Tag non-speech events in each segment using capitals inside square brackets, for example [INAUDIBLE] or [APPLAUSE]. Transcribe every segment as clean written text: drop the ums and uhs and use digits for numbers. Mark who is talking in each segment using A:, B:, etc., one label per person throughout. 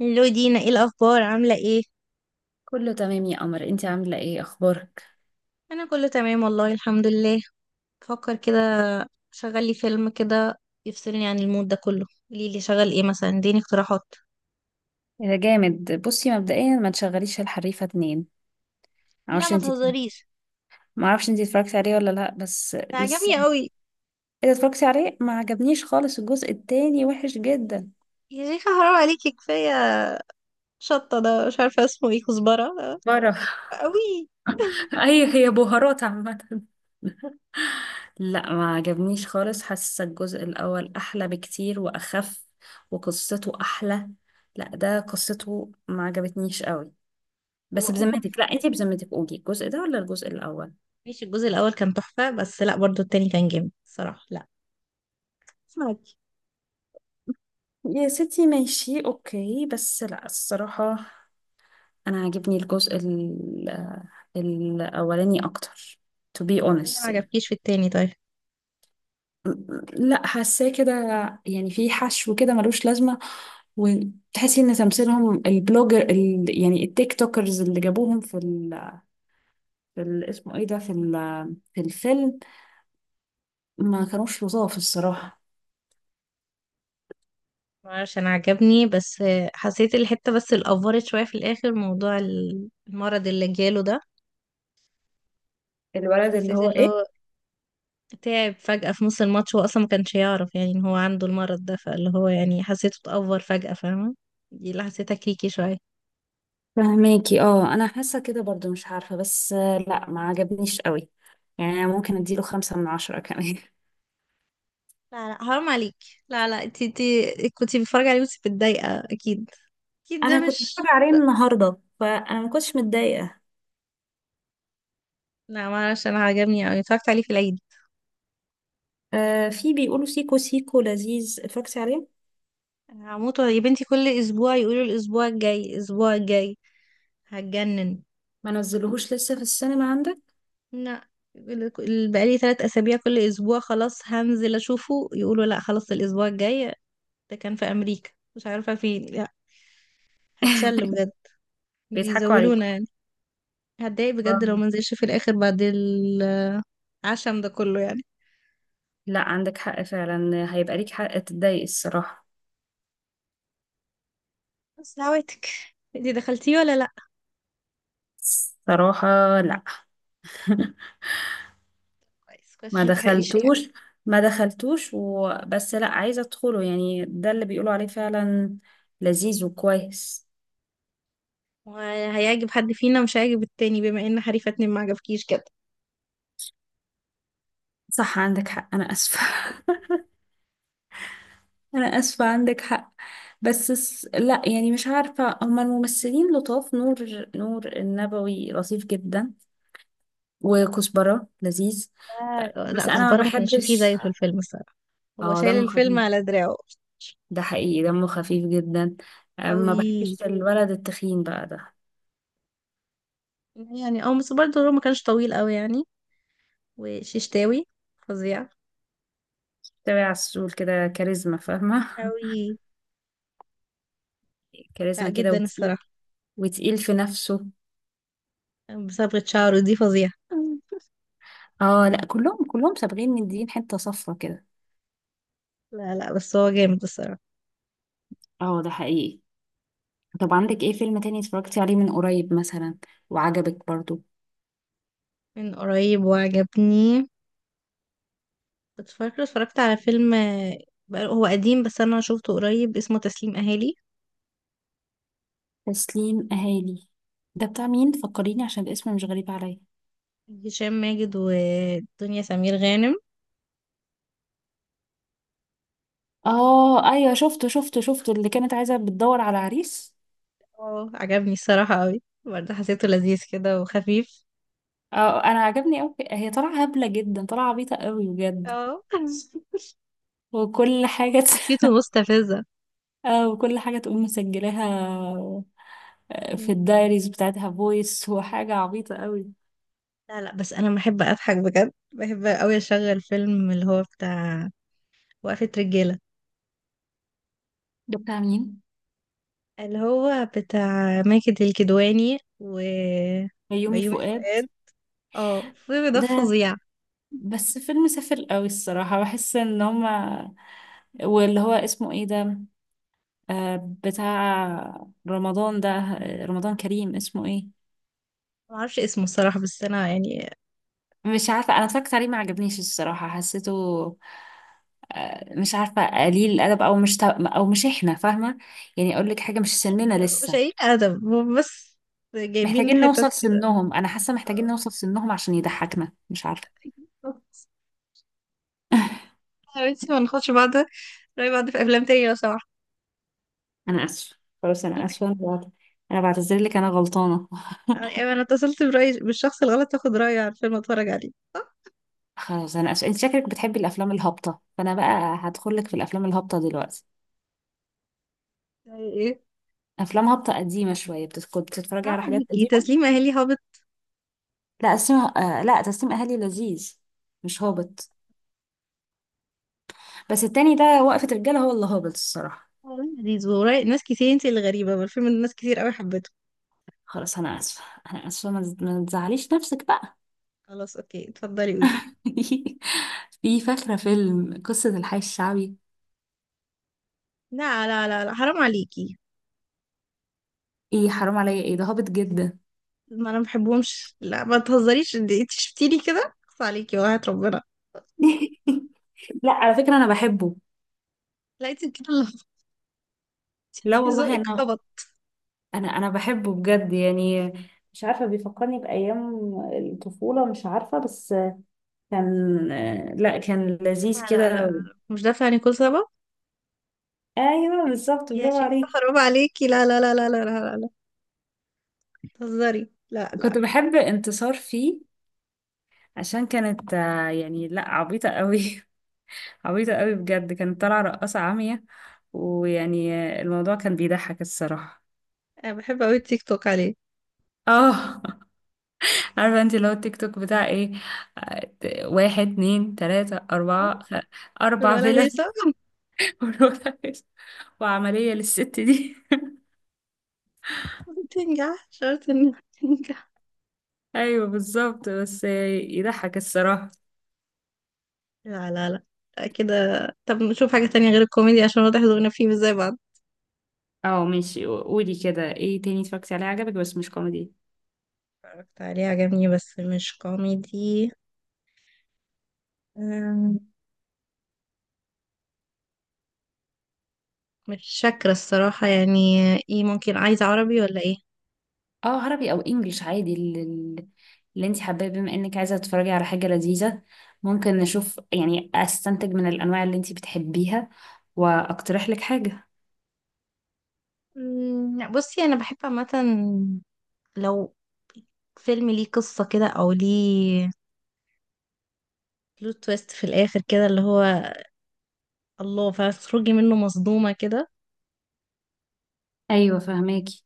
A: لو دينا ايه الاخبار؟ عامله ايه؟
B: كله تمام يا قمر، انت عاملة ايه؟ اخبارك؟
A: انا كله تمام، والله الحمد لله. بفكر كده. شغل لي فيلم كده يفصلني عن المود ده كله. قولي لي شغل ايه مثلا، اديني اقتراحات.
B: ايه ده جامد. بصي مبدئيا ما تشغليش الحريفه 2.
A: لا
B: معرفش
A: ما
B: انتي
A: تهزريش.
B: معرفش انتي اتفرجتي عليه ولا لا؟ بس
A: ده عجبني
B: لسه.
A: قوي.
B: اذا اتفرجتي عليه ما عجبنيش خالص، الجزء التاني وحش جدا.
A: يا شيخه حرام عليكي، كفايه. شطه ده مش عارفه اسمه ايه، كزبره.
B: برا [LAUGHS]
A: قوي.
B: اي، هي بهارات عامة. [LAUGHS] لا ما عجبنيش خالص، حاسة الجزء الاول احلى بكتير واخف وقصته احلى. لا ده قصته ما عجبتنيش قوي.
A: هو
B: بس
A: اوفر في
B: بذمتك، لا انت
A: الآخر.
B: بذمتك قولي، الجزء ده ولا الجزء الاول؟
A: ماشي، الجزء الاول كان تحفه، بس لا برضو التاني كان جامد الصراحه. لا اسمعك.
B: يا ستي ماشي اوكي، بس لا الصراحة انا عاجبني الاولاني اكتر. To be
A: التاني ما
B: honest يعني.
A: عجبكيش في التاني؟ طيب.
B: لا حاساه كده، يعني في حشو كده ملوش لازمة. وتحسي ان تمثيلهم، البلوجر ال يعني التيك توكرز اللي جابوهم في ال اسمه ايه ده في الفيلم، ما كانوش لطاف الصراحة.
A: معرفش، انا عجبني بس. حسيت الحتة بس الأفورت شوية في الآخر، موضوع المرض اللي جاله ده.
B: الولد اللي
A: حسيت
B: هو
A: اللي هو
B: ايه.
A: تعب فجأة في نص الماتش، هو أصلا ما كانش يعرف يعني إن هو عنده المرض ده، فاللي هو يعني حسيته اتأفور فجأة، فاهمة؟ دي اللي حسيتها كيكي شوية.
B: فهماكي؟ اه انا حاسه كده برضو، مش عارفه بس لا ما عجبنيش قوي، يعني أنا ممكن اديله 5/10 كمان [LAUGHS]
A: لا لا، حرام عليك. لا لا، انتي كنتي بتتفرجي عليه وانتي متضايقة أكيد. أكيد ده
B: انا كنت بتفرج
A: مش.
B: عليه النهارده، فانا ما كنتش متضايقه.
A: لا معرفش، أنا عجبني أوي، اتفرجت عليه في العيد.
B: آه في بيقولوا سيكو سيكو لذيذ، اتفرجتي عليه؟
A: هموت يا بنتي، كل أسبوع يقولوا الأسبوع الجاي الأسبوع الجاي، هتجنن.
B: ما نزلوهوش لسه في السينما عندك.
A: لا، بقالي 3 أسابيع كل أسبوع خلاص هنزل أشوفه، يقولوا لا خلاص الأسبوع الجاي. ده كان في أمريكا، مش عارفة فين. لا، هتشل
B: [LAUGHS]
A: بجد،
B: بيضحكوا عليك.
A: بيزولونا يعني. هتضايق بجد لو
B: آه.
A: منزلش في الآخر، بعد العشم ده كله يعني.
B: لا عندك حق فعلا، هيبقى ليك حق تتضايق الصراحه.
A: بس دعواتك. انتي دخلتيه ولا لا؟
B: صراحه لا. [LAUGHS]
A: كويس كويس،
B: ما
A: عشان متحرقليش فيه حاجة.
B: دخلتوش ما دخلتوش وبس، لا عايزة ادخله، يعني ده اللي بيقولوا عليه فعلا لذيذ وكويس.
A: وهيعجب حد فينا مش هيعجب التاني، بما ان حريفة اتنين ما عجبكيش كده.
B: صح عندك حق، انا اسفة. [LAUGHS] انا اسفة عندك حق. بس لا يعني مش عارفة، هما الممثلين لطاف، نور النبوي لطيف جدا، وكزبرة لذيذ، بس
A: لا،
B: انا ما
A: كزبرة ما كانش فيه
B: بحبش.
A: زيه في الفيلم الصراحة. هو
B: اه
A: شايل
B: دمه
A: الفيلم
B: خفيف،
A: على دراعه.
B: ده حقيقي دمه خفيف جدا. ما
A: قوي
B: بحبش الولد التخين بقى ده.
A: يعني. او بس برضه هو ما كانش طويل قوي يعني. وششتاوي فظيع
B: تبع على السول كده، كاريزما فاهمة؟
A: قوي.
B: كاريزما
A: لا
B: كده
A: جدا
B: وتقيل،
A: الصراحة.
B: وتقيل في نفسه.
A: بصبغة شعره دي فظيعة.
B: اه لا كلهم سابقين مدين حتة صفرة كده.
A: [LAUGHS] لا لا، بس هو جامد الصراحة.
B: اه ده حقيقي. طب عندك ايه فيلم تاني اتفرجتي عليه من قريب مثلا وعجبك برضو؟
A: من قريب وعجبني. كنت فاكرة اتفرجت على فيلم، هو قديم بس أنا شوفته قريب، اسمه تسليم أهالي.
B: تسليم اهالي؟ ده بتاع مين فكريني، عشان الاسم مش غريب عليا.
A: هشام ماجد ودنيا سمير غانم.
B: اه ايوه، شفته شفته شفته، اللي كانت عايزه بتدور على عريس.
A: اه، عجبني الصراحة قوي برضه، حسيته لذيذ كده وخفيف.
B: اه انا عجبني قوي، هي طالعه هبله جدا، طالعه عبيطه قوي بجد،
A: اه. [LAUGHS]
B: وكل حاجه [LAUGHS]
A: شخصيته مستفزة.
B: اه وكل حاجه تقوم مسجلاها في الدايريز بتاعتها فويس، وحاجة عبيطة قوي.
A: لا لا، بس انا بحب اضحك بجد، بحب قوي اشغل فيلم اللي هو بتاع وقفة رجالة.
B: ده بتاع مين؟
A: اللي هو بتاع ماجد الكدواني و
B: يومي
A: بيومي
B: فؤاد
A: فؤاد. اه الفيلم ده
B: ده؟
A: فظيع.
B: بس فيلم سافل قوي الصراحة، بحس ان هما واللي هو اسمه ايه ده، آه بتاع رمضان ده، رمضان كريم اسمه ايه.
A: ما اعرفش اسمه الصراحة، بس انا يعني
B: مش عارفة، انا اتفرجت عليه ما عجبنيش الصراحة، حسيته مش عارفة قليل الادب، او مش تا... او مش احنا فاهمة. يعني اقول لك حاجة، مش سننا
A: مش
B: لسه،
A: قايل ادب هم، بس جايبين
B: محتاجين
A: حتت
B: نوصل
A: كده.
B: سنهم، انا حاسة محتاجين نوصل سنهم عشان يضحكنا، مش عارفة.
A: [LAUGHS] يا بنتي، ما ناخدش بعض رأي بعض في افلام تانية لو سمحت.
B: انا اسفه. خلاص انا اسفه،
A: [LAUGHS]
B: انا بعتذر لك، انا غلطانه.
A: يعني انا اتصلت برأي بالشخص الغلط، اخد رأيه على الفيلم اتفرج عليه.
B: خلاص انا اسفه، انت شكلك بتحبي الافلام الهابطه، فانا بقى هدخل لك في الافلام الهابطه دلوقتي.
A: زي ايه؟
B: افلام هابطه قديمه شويه، كنت بتتفرجي على
A: عمل
B: حاجات
A: هيكي
B: قديمه.
A: تسليم اهلي هابط؟
B: لا اسمها، آه لا تسليم اهلي لذيذ مش هابط، بس التاني ده وقفه رجاله هو اللي هابط الصراحه.
A: والله لذيذ، وراي ناس كتير انت اللي غريبة، ما الفيلم ده ناس كتير قوي حبته.
B: خلاص انا اسفه، ما تزعليش نفسك بقى.
A: خلاص اوكي، اتفضلي قولي.
B: [LAUGHS] في فاكره فيلم قصه الحي الشعبي؟
A: لا لا لا لا، حرام عليكي.
B: ايه حرام عليا، ايه ده هابط جدا؟
A: ما انا ما بحبهمش، لا ما تهزريش، انت شفتيني كده خلاص عليكي، وقعت ربنا.
B: [LAUGHS] لا على فكره انا بحبه.
A: لا انت كده.
B: لا
A: [LAUGHS]
B: والله،
A: ذوقك
B: انا
A: خبط.
B: انا بحبه بجد يعني، مش عارفه بيفكرني بايام الطفوله، مش عارفه بس كان، لا كان
A: لا
B: لذيذ
A: لا
B: كده.
A: لا، مش دافع عن كل سبب.
B: ايوه بالظبط،
A: يا
B: برافو
A: شيخة
B: عليك.
A: حرام عليكي، لا لا لا لا لا لا لا لا تهزري، لا
B: كنت
A: لا.
B: بحب انتصار فيه، عشان كانت يعني لا عبيطه قوي [LAUGHS] عبيطه قوي بجد، كانت طالعه رقاصه عاميه، ويعني الموضوع كان بيضحك الصراحه.
A: انا بحب قوي التيك توك عليه.
B: اه [LAUGHS] عارفه انت لو التيك توك بتاع ايه؟ آه، واحد اتنين تلاته اربعه اربع
A: الولا
B: فيلا
A: هيثم. [LAUGHS]
B: [LAUGHS] بروتاكس وعملية للست دي.
A: ما تنجح شرط انها تنجح.
B: [LAUGHS] ايوه بالظبط، بس يضحك الصراحة.
A: لا لا لا، لا كده. طب نشوف حاجة تانية غير الكوميدي، عشان واضح ذوقنا فيه مش زي بعض.
B: اه ماشي، قولي كده ايه تاني اتفرجتي عليه عجبك بس مش كوميدي؟
A: اتفرجت عليه عجبني بس مش كوميدي. أم، مش فاكرة الصراحة يعني. ايه ممكن عايزة عربي ولا ايه؟
B: اه عربي او انجليش عادي، اللي، اللي انت حباه، بما انك عايزه تتفرجي على حاجه لذيذه ممكن نشوف، يعني استنتج من الانواع اللي انت بتحبيها واقترح لك حاجه.
A: لا، بصي انا بحب عامة لو فيلم ليه قصة كده او ليه بلوت تويست في الاخر كده، اللي هو الله، فتخرجي منه مصدومة كده.
B: ايوه فهماكي.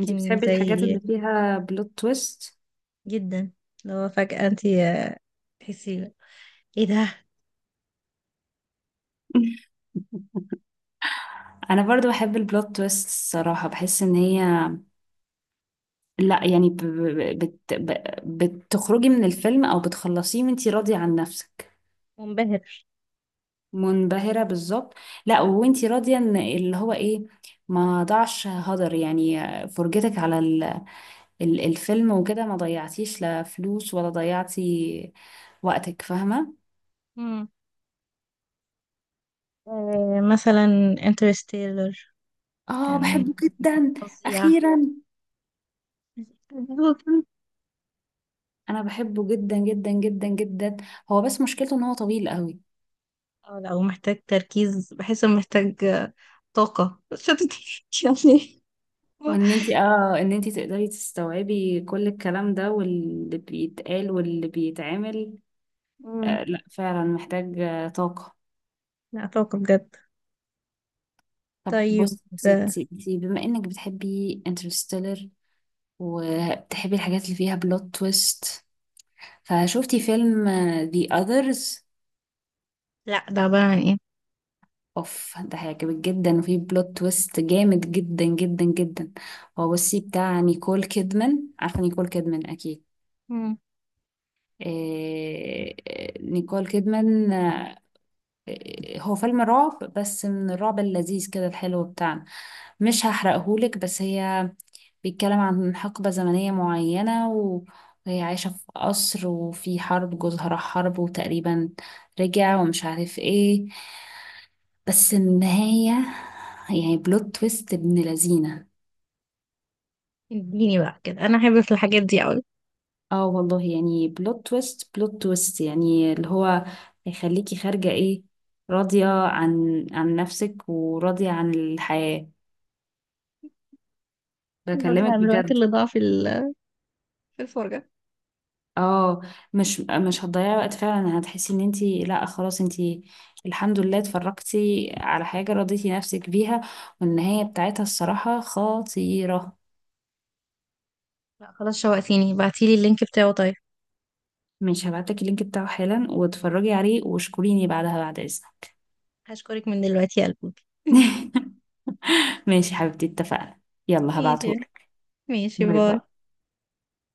B: انت بتحبي
A: زي
B: الحاجات
A: ايه؟
B: اللي فيها بلوت تويست.
A: جدا. اللي هو فجأة انتي تحسي ايه ده.
B: [LAUGHS] انا برضو بحب البلوت تويست الصراحه، بحس ان هي، لا يعني بت... ب... بتخرجي من الفيلم او بتخلصيه وانتي راضية عن نفسك.
A: منبهر.
B: منبهرة بالظبط. لا وانتي راضية ان اللي هو ايه، ما ضاعش هدر يعني، فرجتك على الفيلم وكده، ما ضيعتيش لا فلوس ولا ضيعتي وقتك، فاهمة؟
A: مثلا انترستيلر.
B: اه
A: كان
B: بحبه جدا.
A: فظيع.
B: اخيرا، انا بحبه جدا جدا جدا جدا، هو بس مشكلته ان هو طويل قوي.
A: اه لا، ومحتاج تركيز، بحس انه محتاج طاقة شدت [LAUGHS] يعني.
B: وان انت اه ان انت تقدري تستوعبي كل الكلام ده واللي بيتقال واللي بيتعمل.
A: مم.
B: آه لا فعلا محتاج طاقة.
A: لا طاقة بجد.
B: طب
A: طيب.
B: بصي يا
A: آه.
B: ستي، انتي بما انك بتحبي انترستيلر وبتحبي الحاجات اللي فيها بلوت تويست، فشوفتي فيلم The Others؟
A: لا، ده عبارة عن ايه؟
B: اوف ده هيعجبك جدا، وفيه بلوت تويست جامد جدا جدا جدا. هو بصي بتاع نيكول كيدمان، عارفة نيكول كيدمان اكيد.
A: مم.
B: نيكول كيدمان، هو فيلم رعب بس من الرعب اللذيذ كده الحلو بتاعنا. مش هحرقهولك، بس هي بيتكلم عن حقبة زمنية معينة وهي عايشة في قصر، وفي حرب جوزها راح حرب وتقريبا رجع ومش عارف ايه، بس النهاية يعني بلوت تويست ابن لذينة.
A: اديني بقى كده، انا احب في الحاجات دي قوي.
B: اه والله يعني، بلوت تويست يعني اللي هو هيخليكي خارجة ايه، راضية عن نفسك وراضية عن الحياة،
A: يضيع
B: بكلمك
A: من الوقت
B: بجد.
A: اللي ضاع في في الفرجة.
B: اه مش هتضيعي وقت فعلا، هتحسي ان انتي لا خلاص انتي الحمد لله اتفرجتي على حاجة رضيتي نفسك بيها، والنهاية بتاعتها الصراحة خطيرة.
A: لا خلاص شوقتيني، بعتيلي اللينك بتاعه طيب.
B: مش هبعتلك اللينك بتاعه حالا، واتفرجي عليه واشكريني بعدها بعد اذنك.
A: هشكرك من دلوقتي يا قلبي. [LAUGHS]
B: [LAUGHS] ماشي حبيبتي اتفقنا، يلا
A: ماشي،
B: هبعتهولك.
A: ماشي،
B: باي
A: باي.
B: باي.